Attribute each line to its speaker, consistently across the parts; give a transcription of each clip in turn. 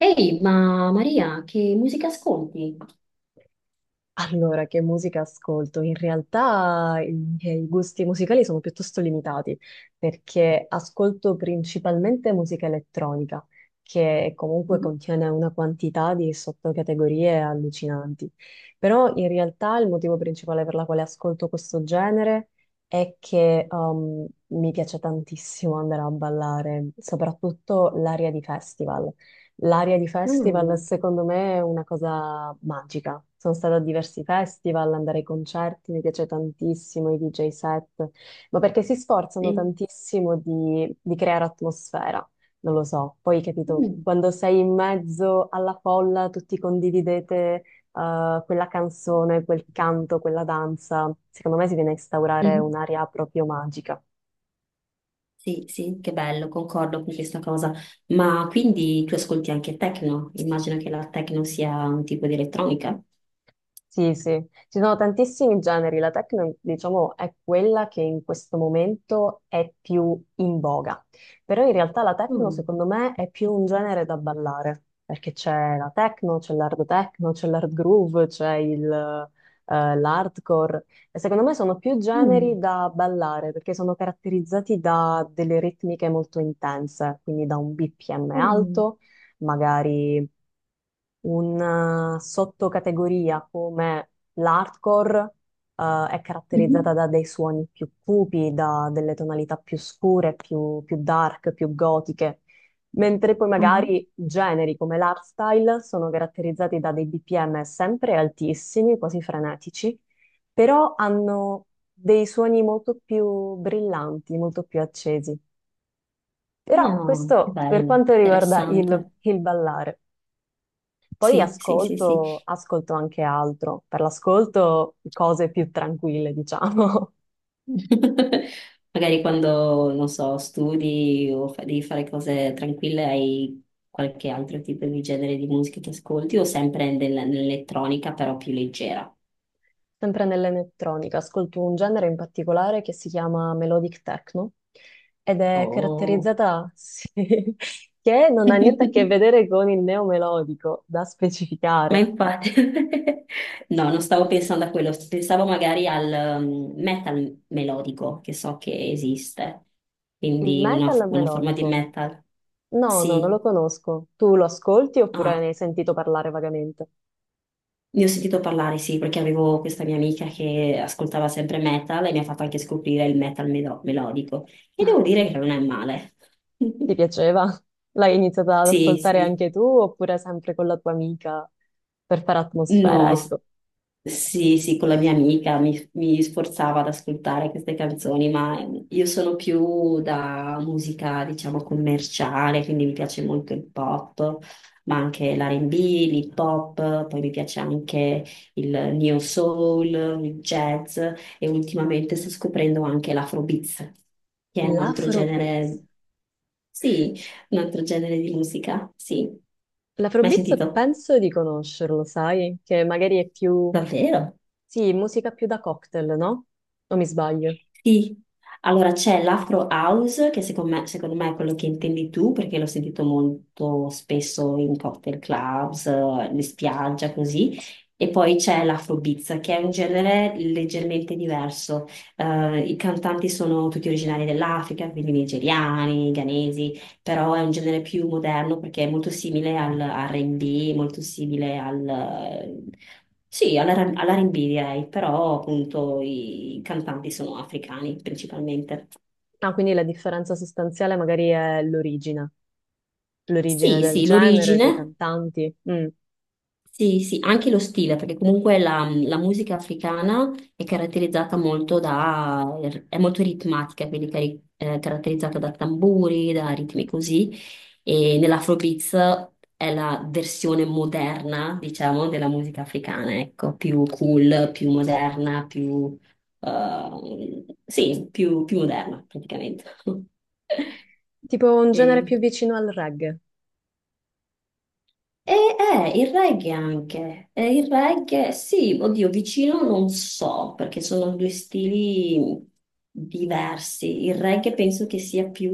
Speaker 1: Ehi, ma Maria, che musica ascolti?
Speaker 2: Allora, che musica ascolto? In realtà i miei gusti musicali sono piuttosto limitati perché ascolto principalmente musica elettronica, che comunque
Speaker 1: Mhm.
Speaker 2: contiene una quantità di sottocategorie allucinanti. Però in realtà il motivo principale per la quale ascolto questo genere è che mi piace tantissimo andare a ballare, soprattutto l'area di festival. L'aria di festival
Speaker 1: Mm,
Speaker 2: secondo me è una cosa magica. Sono stata a diversi festival, andare ai concerti, mi piace tantissimo i DJ set, ma perché si sforzano
Speaker 1: sì.
Speaker 2: tantissimo di, creare atmosfera, non lo so. Poi, capito,
Speaker 1: Mm,
Speaker 2: quando sei in mezzo alla folla, tutti condividete quella canzone, quel canto, quella danza, secondo me si viene a instaurare
Speaker 1: mhm.
Speaker 2: un'aria proprio magica.
Speaker 1: Sì, sì, che bello, concordo con questa cosa. Ma quindi tu ascolti anche techno? Immagino che la techno sia un tipo di elettronica.
Speaker 2: Sì, sì, ci sono tantissimi generi, la techno, diciamo, è quella che in questo momento è più in voga, però in realtà la techno
Speaker 1: Mm,
Speaker 2: secondo me è più un genere da ballare, perché c'è la techno, c'è l'hard groove, c'è l'hardcore, e secondo me sono più generi
Speaker 1: mm,
Speaker 2: da ballare, perché sono caratterizzati da delle ritmiche molto intense, quindi da un BPM
Speaker 1: mm,
Speaker 2: alto, magari una sottocategoria come l'hardcore, è caratterizzata
Speaker 1: mhm.
Speaker 2: da dei suoni più cupi, da delle tonalità più scure, più dark, più gotiche, mentre poi
Speaker 1: Mhm.
Speaker 2: magari generi come l'hardstyle sono caratterizzati da dei BPM sempre altissimi, quasi frenetici, però hanno dei suoni molto più brillanti, molto più accesi. Però
Speaker 1: Ah, che
Speaker 2: questo per
Speaker 1: bello,
Speaker 2: quanto riguarda
Speaker 1: interessante.
Speaker 2: il ballare. Poi
Speaker 1: Sì, sì, sì, sì.
Speaker 2: ascolto, ascolto anche altro, per l'ascolto cose più tranquille, diciamo,
Speaker 1: Magari quando, non so, studi o devi fare cose tranquille, hai qualche altro tipo di genere di musica che ascolti o sempre nell'elettronica, però più leggera.
Speaker 2: sempre nell'elettronica. Ascolto un genere in particolare che si chiama melodic techno ed è
Speaker 1: Oh.
Speaker 2: caratterizzata, sì, che non ha niente a che vedere con il neomelodico, da
Speaker 1: Ma
Speaker 2: specificare.
Speaker 1: infatti, no, non stavo pensando a quello, pensavo magari al metal melodico che so che esiste,
Speaker 2: Il
Speaker 1: quindi
Speaker 2: metal
Speaker 1: una forma di
Speaker 2: melodico.
Speaker 1: metal.
Speaker 2: No, no, non lo
Speaker 1: Sì.
Speaker 2: conosco. Tu lo ascolti oppure
Speaker 1: Ah,
Speaker 2: ne hai sentito parlare vagamente?
Speaker 1: ne ho sentito parlare, sì, perché avevo questa mia amica che ascoltava sempre metal e mi ha fatto anche scoprire il metal melodico. E devo dire che non è male.
Speaker 2: Ti piaceva? L'hai iniziata ad
Speaker 1: Sì,
Speaker 2: ascoltare
Speaker 1: sì.
Speaker 2: anche tu oppure sempre con la tua amica per fare atmosfera,
Speaker 1: No, s-
Speaker 2: ecco.
Speaker 1: sì, sì, con la mia amica mi sforzava ad ascoltare queste canzoni, ma io sono più da musica, diciamo, commerciale, quindi mi piace molto il pop, ma anche l'R&B, l'hip hop, poi mi piace anche il neo soul, il jazz e ultimamente sto scoprendo anche l'afrobeats, che è un altro
Speaker 2: L'Afrobeats.
Speaker 1: genere, sì, un altro genere di musica, sì. Mai
Speaker 2: L'Afrobeats
Speaker 1: sentito?
Speaker 2: penso di conoscerlo, sai? Che magari è più...
Speaker 1: Davvero?
Speaker 2: Sì, musica più da cocktail, no? O mi sbaglio?
Speaker 1: Sì, allora c'è l'Afro House, che secondo me è quello che intendi tu, perché l'ho sentito molto spesso in cocktail clubs, in spiaggia, così. E poi c'è l'Afrobeats, che è un genere leggermente diverso. I cantanti sono tutti originari dell'Africa, quindi nigeriani, ghanesi, però è un genere più moderno perché è molto simile al R&B, molto simile al... Sì, all'R&B direi, però appunto i cantanti sono africani principalmente.
Speaker 2: Ah, quindi la differenza sostanziale magari è l'origine, l'origine
Speaker 1: Sì,
Speaker 2: del
Speaker 1: sì,
Speaker 2: genere, dei
Speaker 1: l'origine.
Speaker 2: cantanti. Mm.
Speaker 1: Sì, sì, anche lo stile, perché comunque la musica africana è caratterizzata molto da, è molto ritmatica, quindi è caratterizzata da tamburi, da ritmi così, e nell'Afrobeats è la versione moderna, diciamo, della musica africana, ecco, più cool, più moderna, più, sì, più, più moderna praticamente.
Speaker 2: Tipo un genere
Speaker 1: E-
Speaker 2: più vicino al reggae.
Speaker 1: e il reggae anche. Il reggae sì, oddio, vicino non so, perché sono due stili diversi. Il reggae penso che sia più,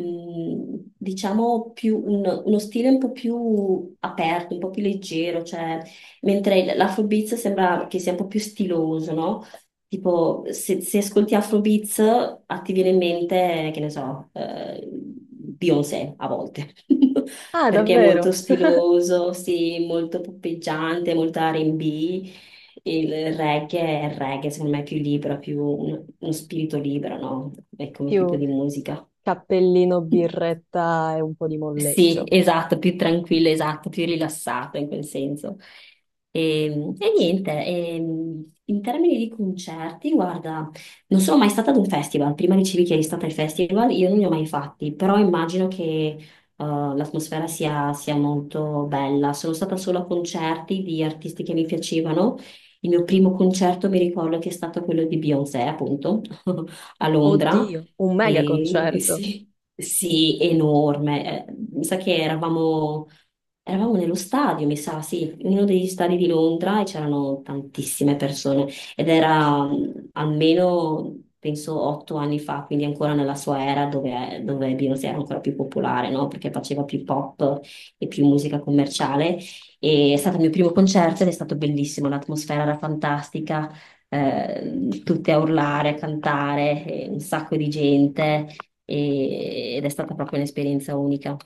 Speaker 1: mm, diciamo, più uno stile un po' più aperto, un po' più leggero, cioè, mentre l'afrobeats sembra che sia un po' più stiloso, no? Tipo, se ascolti Afrobeats, a ti viene in mente, che ne so, Beyoncé a volte.
Speaker 2: Ah,
Speaker 1: Perché è
Speaker 2: davvero?
Speaker 1: molto stiloso, sì, molto poppeggiante, molto R&B. Il reggae è il reggae, secondo me è più libero, più uno spirito libero, no? È come tipo
Speaker 2: Più
Speaker 1: di musica.
Speaker 2: cappellino, birretta e un po' di
Speaker 1: Sì,
Speaker 2: molleggio.
Speaker 1: esatto, più tranquillo, esatto, più rilassato in quel senso. E, e niente, in termini di concerti, guarda, non sono mai stata ad un festival, prima dicevi che eri stata ai festival, io non li ho mai fatti, però immagino che l'atmosfera sia molto bella. Sono stata solo a concerti di artisti che mi piacevano. Il mio primo concerto mi ricordo che è stato quello di Beyoncé, appunto, a Londra.
Speaker 2: Oddio, un mega
Speaker 1: E
Speaker 2: concerto.
Speaker 1: sì, sì, enorme. Mi sa che eravamo nello stadio, mi sa, sì, in uno degli stadi di Londra e c'erano tantissime persone ed era almeno, penso, 8 anni fa, quindi ancora nella sua era dove Beyoncé era ancora più popolare, no? Perché faceva più pop e più musica commerciale. E è stato il mio primo concerto ed è stato bellissimo, l'atmosfera era fantastica, tutte a urlare, a cantare, un sacco di gente ed è stata proprio un'esperienza unica.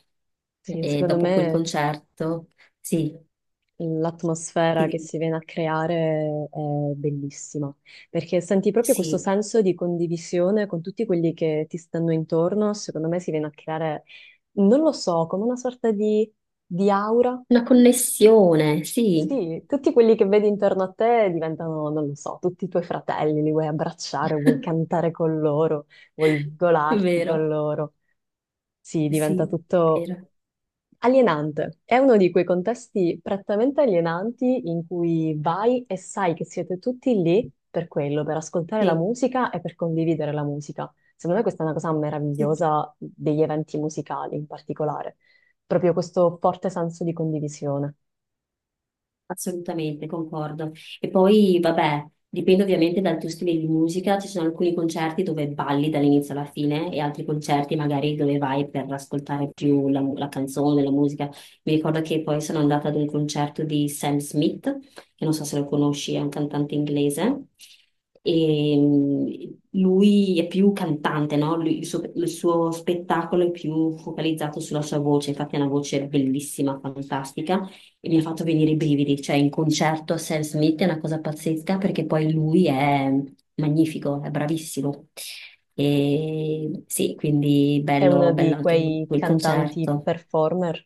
Speaker 2: Sì,
Speaker 1: E
Speaker 2: secondo
Speaker 1: dopo quel
Speaker 2: me
Speaker 1: concerto, sì,
Speaker 2: l'atmosfera che
Speaker 1: sì,
Speaker 2: si viene a creare è bellissima, perché senti proprio questo
Speaker 1: sì,
Speaker 2: senso di condivisione con tutti quelli che ti stanno intorno. Secondo me si viene a creare, non lo so, come una sorta di aura.
Speaker 1: una connessione, sì.
Speaker 2: Sì, tutti quelli che vedi intorno a te diventano, non lo so, tutti i tuoi fratelli, li vuoi abbracciare, vuoi cantare con loro, vuoi
Speaker 1: È
Speaker 2: sgolarti con
Speaker 1: vero,
Speaker 2: loro. Sì, diventa
Speaker 1: sì, è
Speaker 2: tutto
Speaker 1: vero,
Speaker 2: alienante. È uno di quei contesti prettamente alienanti in cui vai e sai che siete tutti lì per quello, per ascoltare la
Speaker 1: sì,
Speaker 2: musica e per condividere la musica. Secondo me questa è una cosa
Speaker 1: sì.
Speaker 2: meravigliosa degli eventi musicali in particolare, proprio questo forte senso di condivisione.
Speaker 1: Assolutamente, concordo. E poi, vabbè, dipende ovviamente dal tuo stile di musica, ci sono alcuni concerti dove balli dall'inizio alla fine e altri concerti magari dove vai per ascoltare più la canzone, la musica. Mi ricordo che poi sono andata ad un concerto di Sam Smith, che non so se lo conosci, è un cantante inglese, e lui è più cantante, no? Il suo spettacolo è più focalizzato sulla sua voce, infatti ha una voce bellissima, fantastica e mi ha fatto venire i brividi, cioè in concerto Sam Smith è una cosa pazzesca perché poi lui è magnifico, è bravissimo. E sì, quindi
Speaker 2: È uno
Speaker 1: bello, bello
Speaker 2: di
Speaker 1: anche
Speaker 2: quei
Speaker 1: quel
Speaker 2: cantanti
Speaker 1: concerto.
Speaker 2: performer.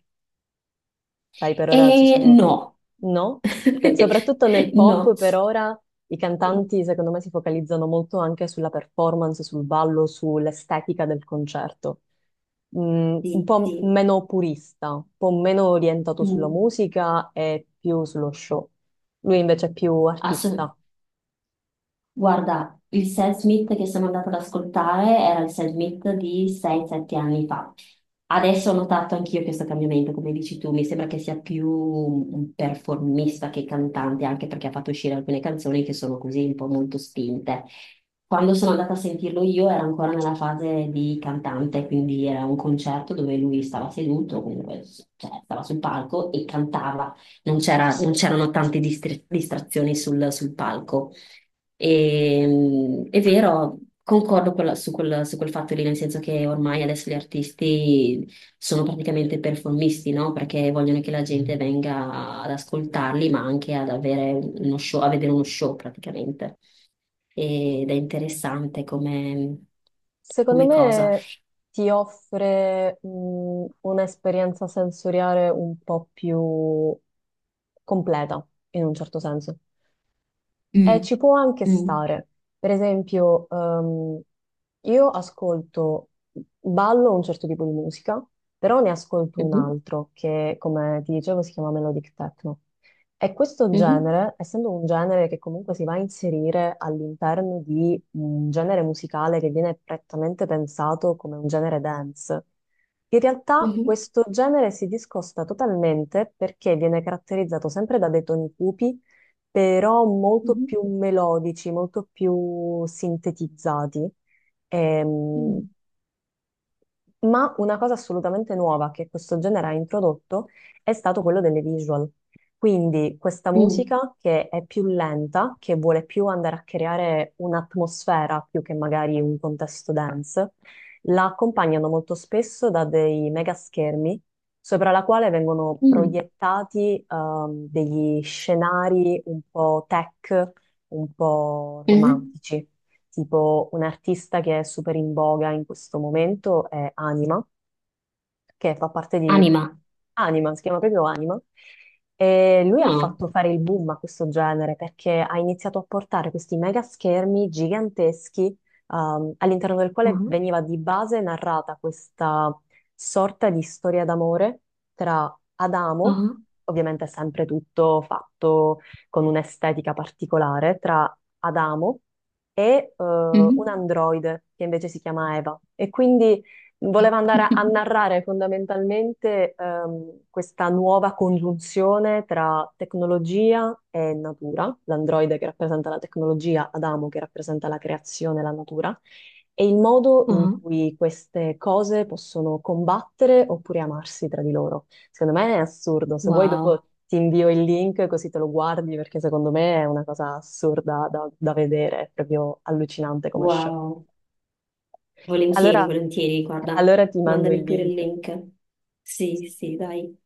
Speaker 2: Sai, per ora ci
Speaker 1: E
Speaker 2: sono...
Speaker 1: no,
Speaker 2: No? Perché soprattutto nel pop
Speaker 1: no,
Speaker 2: per ora i
Speaker 1: sì,
Speaker 2: cantanti secondo me si focalizzano molto anche sulla performance, sul ballo, sull'estetica del concerto. Mm, un
Speaker 1: sì,
Speaker 2: po'
Speaker 1: sì.
Speaker 2: meno purista, un po' meno orientato sulla
Speaker 1: Mm.
Speaker 2: musica e più sullo show. Lui invece è più
Speaker 1: Asso-
Speaker 2: artista.
Speaker 1: guarda, il Sam Smith che sono andata ad ascoltare era il Sam Smith di 6-7 anni fa. Adesso ho notato anch'io questo cambiamento, come dici tu, mi sembra che sia più un performista che cantante, anche perché ha fatto uscire alcune canzoni che sono così un po' molto spinte. Quando sono andata a sentirlo io era ancora nella fase di cantante, quindi era un concerto dove lui stava seduto, comunque, cioè, stava sul palco e cantava, non c'erano tante distrazioni sul sul palco. E, è vero, concordo su su quel fatto lì, nel senso che ormai adesso gli artisti sono praticamente performisti, no? Perché vogliono che la gente venga ad ascoltarli, ma anche ad avere uno show, a vedere uno show praticamente. Ed è interessante come,
Speaker 2: Secondo
Speaker 1: come cosa.
Speaker 2: me ti offre un'esperienza sensoriale un po' più completa, in un certo senso.
Speaker 1: Mm.
Speaker 2: Ci può anche
Speaker 1: Mm.
Speaker 2: stare. Per esempio, io ascolto, ballo un certo tipo di musica, però ne ascolto un
Speaker 1: Mhm.
Speaker 2: altro che, come ti dicevo, si chiama Melodic Techno. E questo
Speaker 1: Mhm.
Speaker 2: genere, essendo un genere che comunque si va a inserire all'interno di un genere musicale che viene prettamente pensato come un genere dance, in realtà
Speaker 1: Mhm.
Speaker 2: questo genere si discosta totalmente perché viene caratterizzato sempre da dei toni cupi però molto
Speaker 1: Mhm.
Speaker 2: più melodici, molto più sintetizzati. Ehm,
Speaker 1: Mm.
Speaker 2: ma una cosa assolutamente nuova che questo genere ha introdotto è stato quello delle visual. Quindi questa
Speaker 1: Mm.
Speaker 2: musica che è più lenta, che vuole più andare a creare un'atmosfera più che magari un contesto dance, la accompagnano molto spesso da dei mega schermi sopra la quale vengono
Speaker 1: Mm.
Speaker 2: proiettati degli scenari un po' tech, un po'
Speaker 1: Mhm.
Speaker 2: romantici. Tipo un artista che è super in voga in questo momento è Anima, che fa parte di
Speaker 1: Anima.
Speaker 2: Anima, si chiama proprio Anima, e lui ha
Speaker 1: Ah.
Speaker 2: fatto fare il boom a questo genere perché ha iniziato a portare questi mega schermi giganteschi, all'interno del quale
Speaker 1: Ah.
Speaker 2: veniva di base narrata questa sorta di storia d'amore tra Adamo,
Speaker 1: Ah.
Speaker 2: ovviamente sempre tutto fatto con un'estetica particolare, tra Adamo e un
Speaker 1: Mhm.
Speaker 2: androide che invece si chiama Eva. E quindi voleva andare a narrare fondamentalmente questa nuova congiunzione tra tecnologia e natura, l'androide che rappresenta la tecnologia, Adamo che rappresenta la creazione e la natura, e il modo in
Speaker 1: Ah,
Speaker 2: cui queste cose possono combattere oppure amarsi tra di loro. Secondo me è assurdo, se vuoi
Speaker 1: wow.
Speaker 2: dopo ti invio il link così te lo guardi perché secondo me è una cosa assurda da, da vedere, è proprio allucinante come show.
Speaker 1: Wow, volentieri,
Speaker 2: Allora,
Speaker 1: volentieri, guarda,
Speaker 2: allora ti mando il
Speaker 1: mandami pure il
Speaker 2: link.
Speaker 1: link. Sì, sì, dai.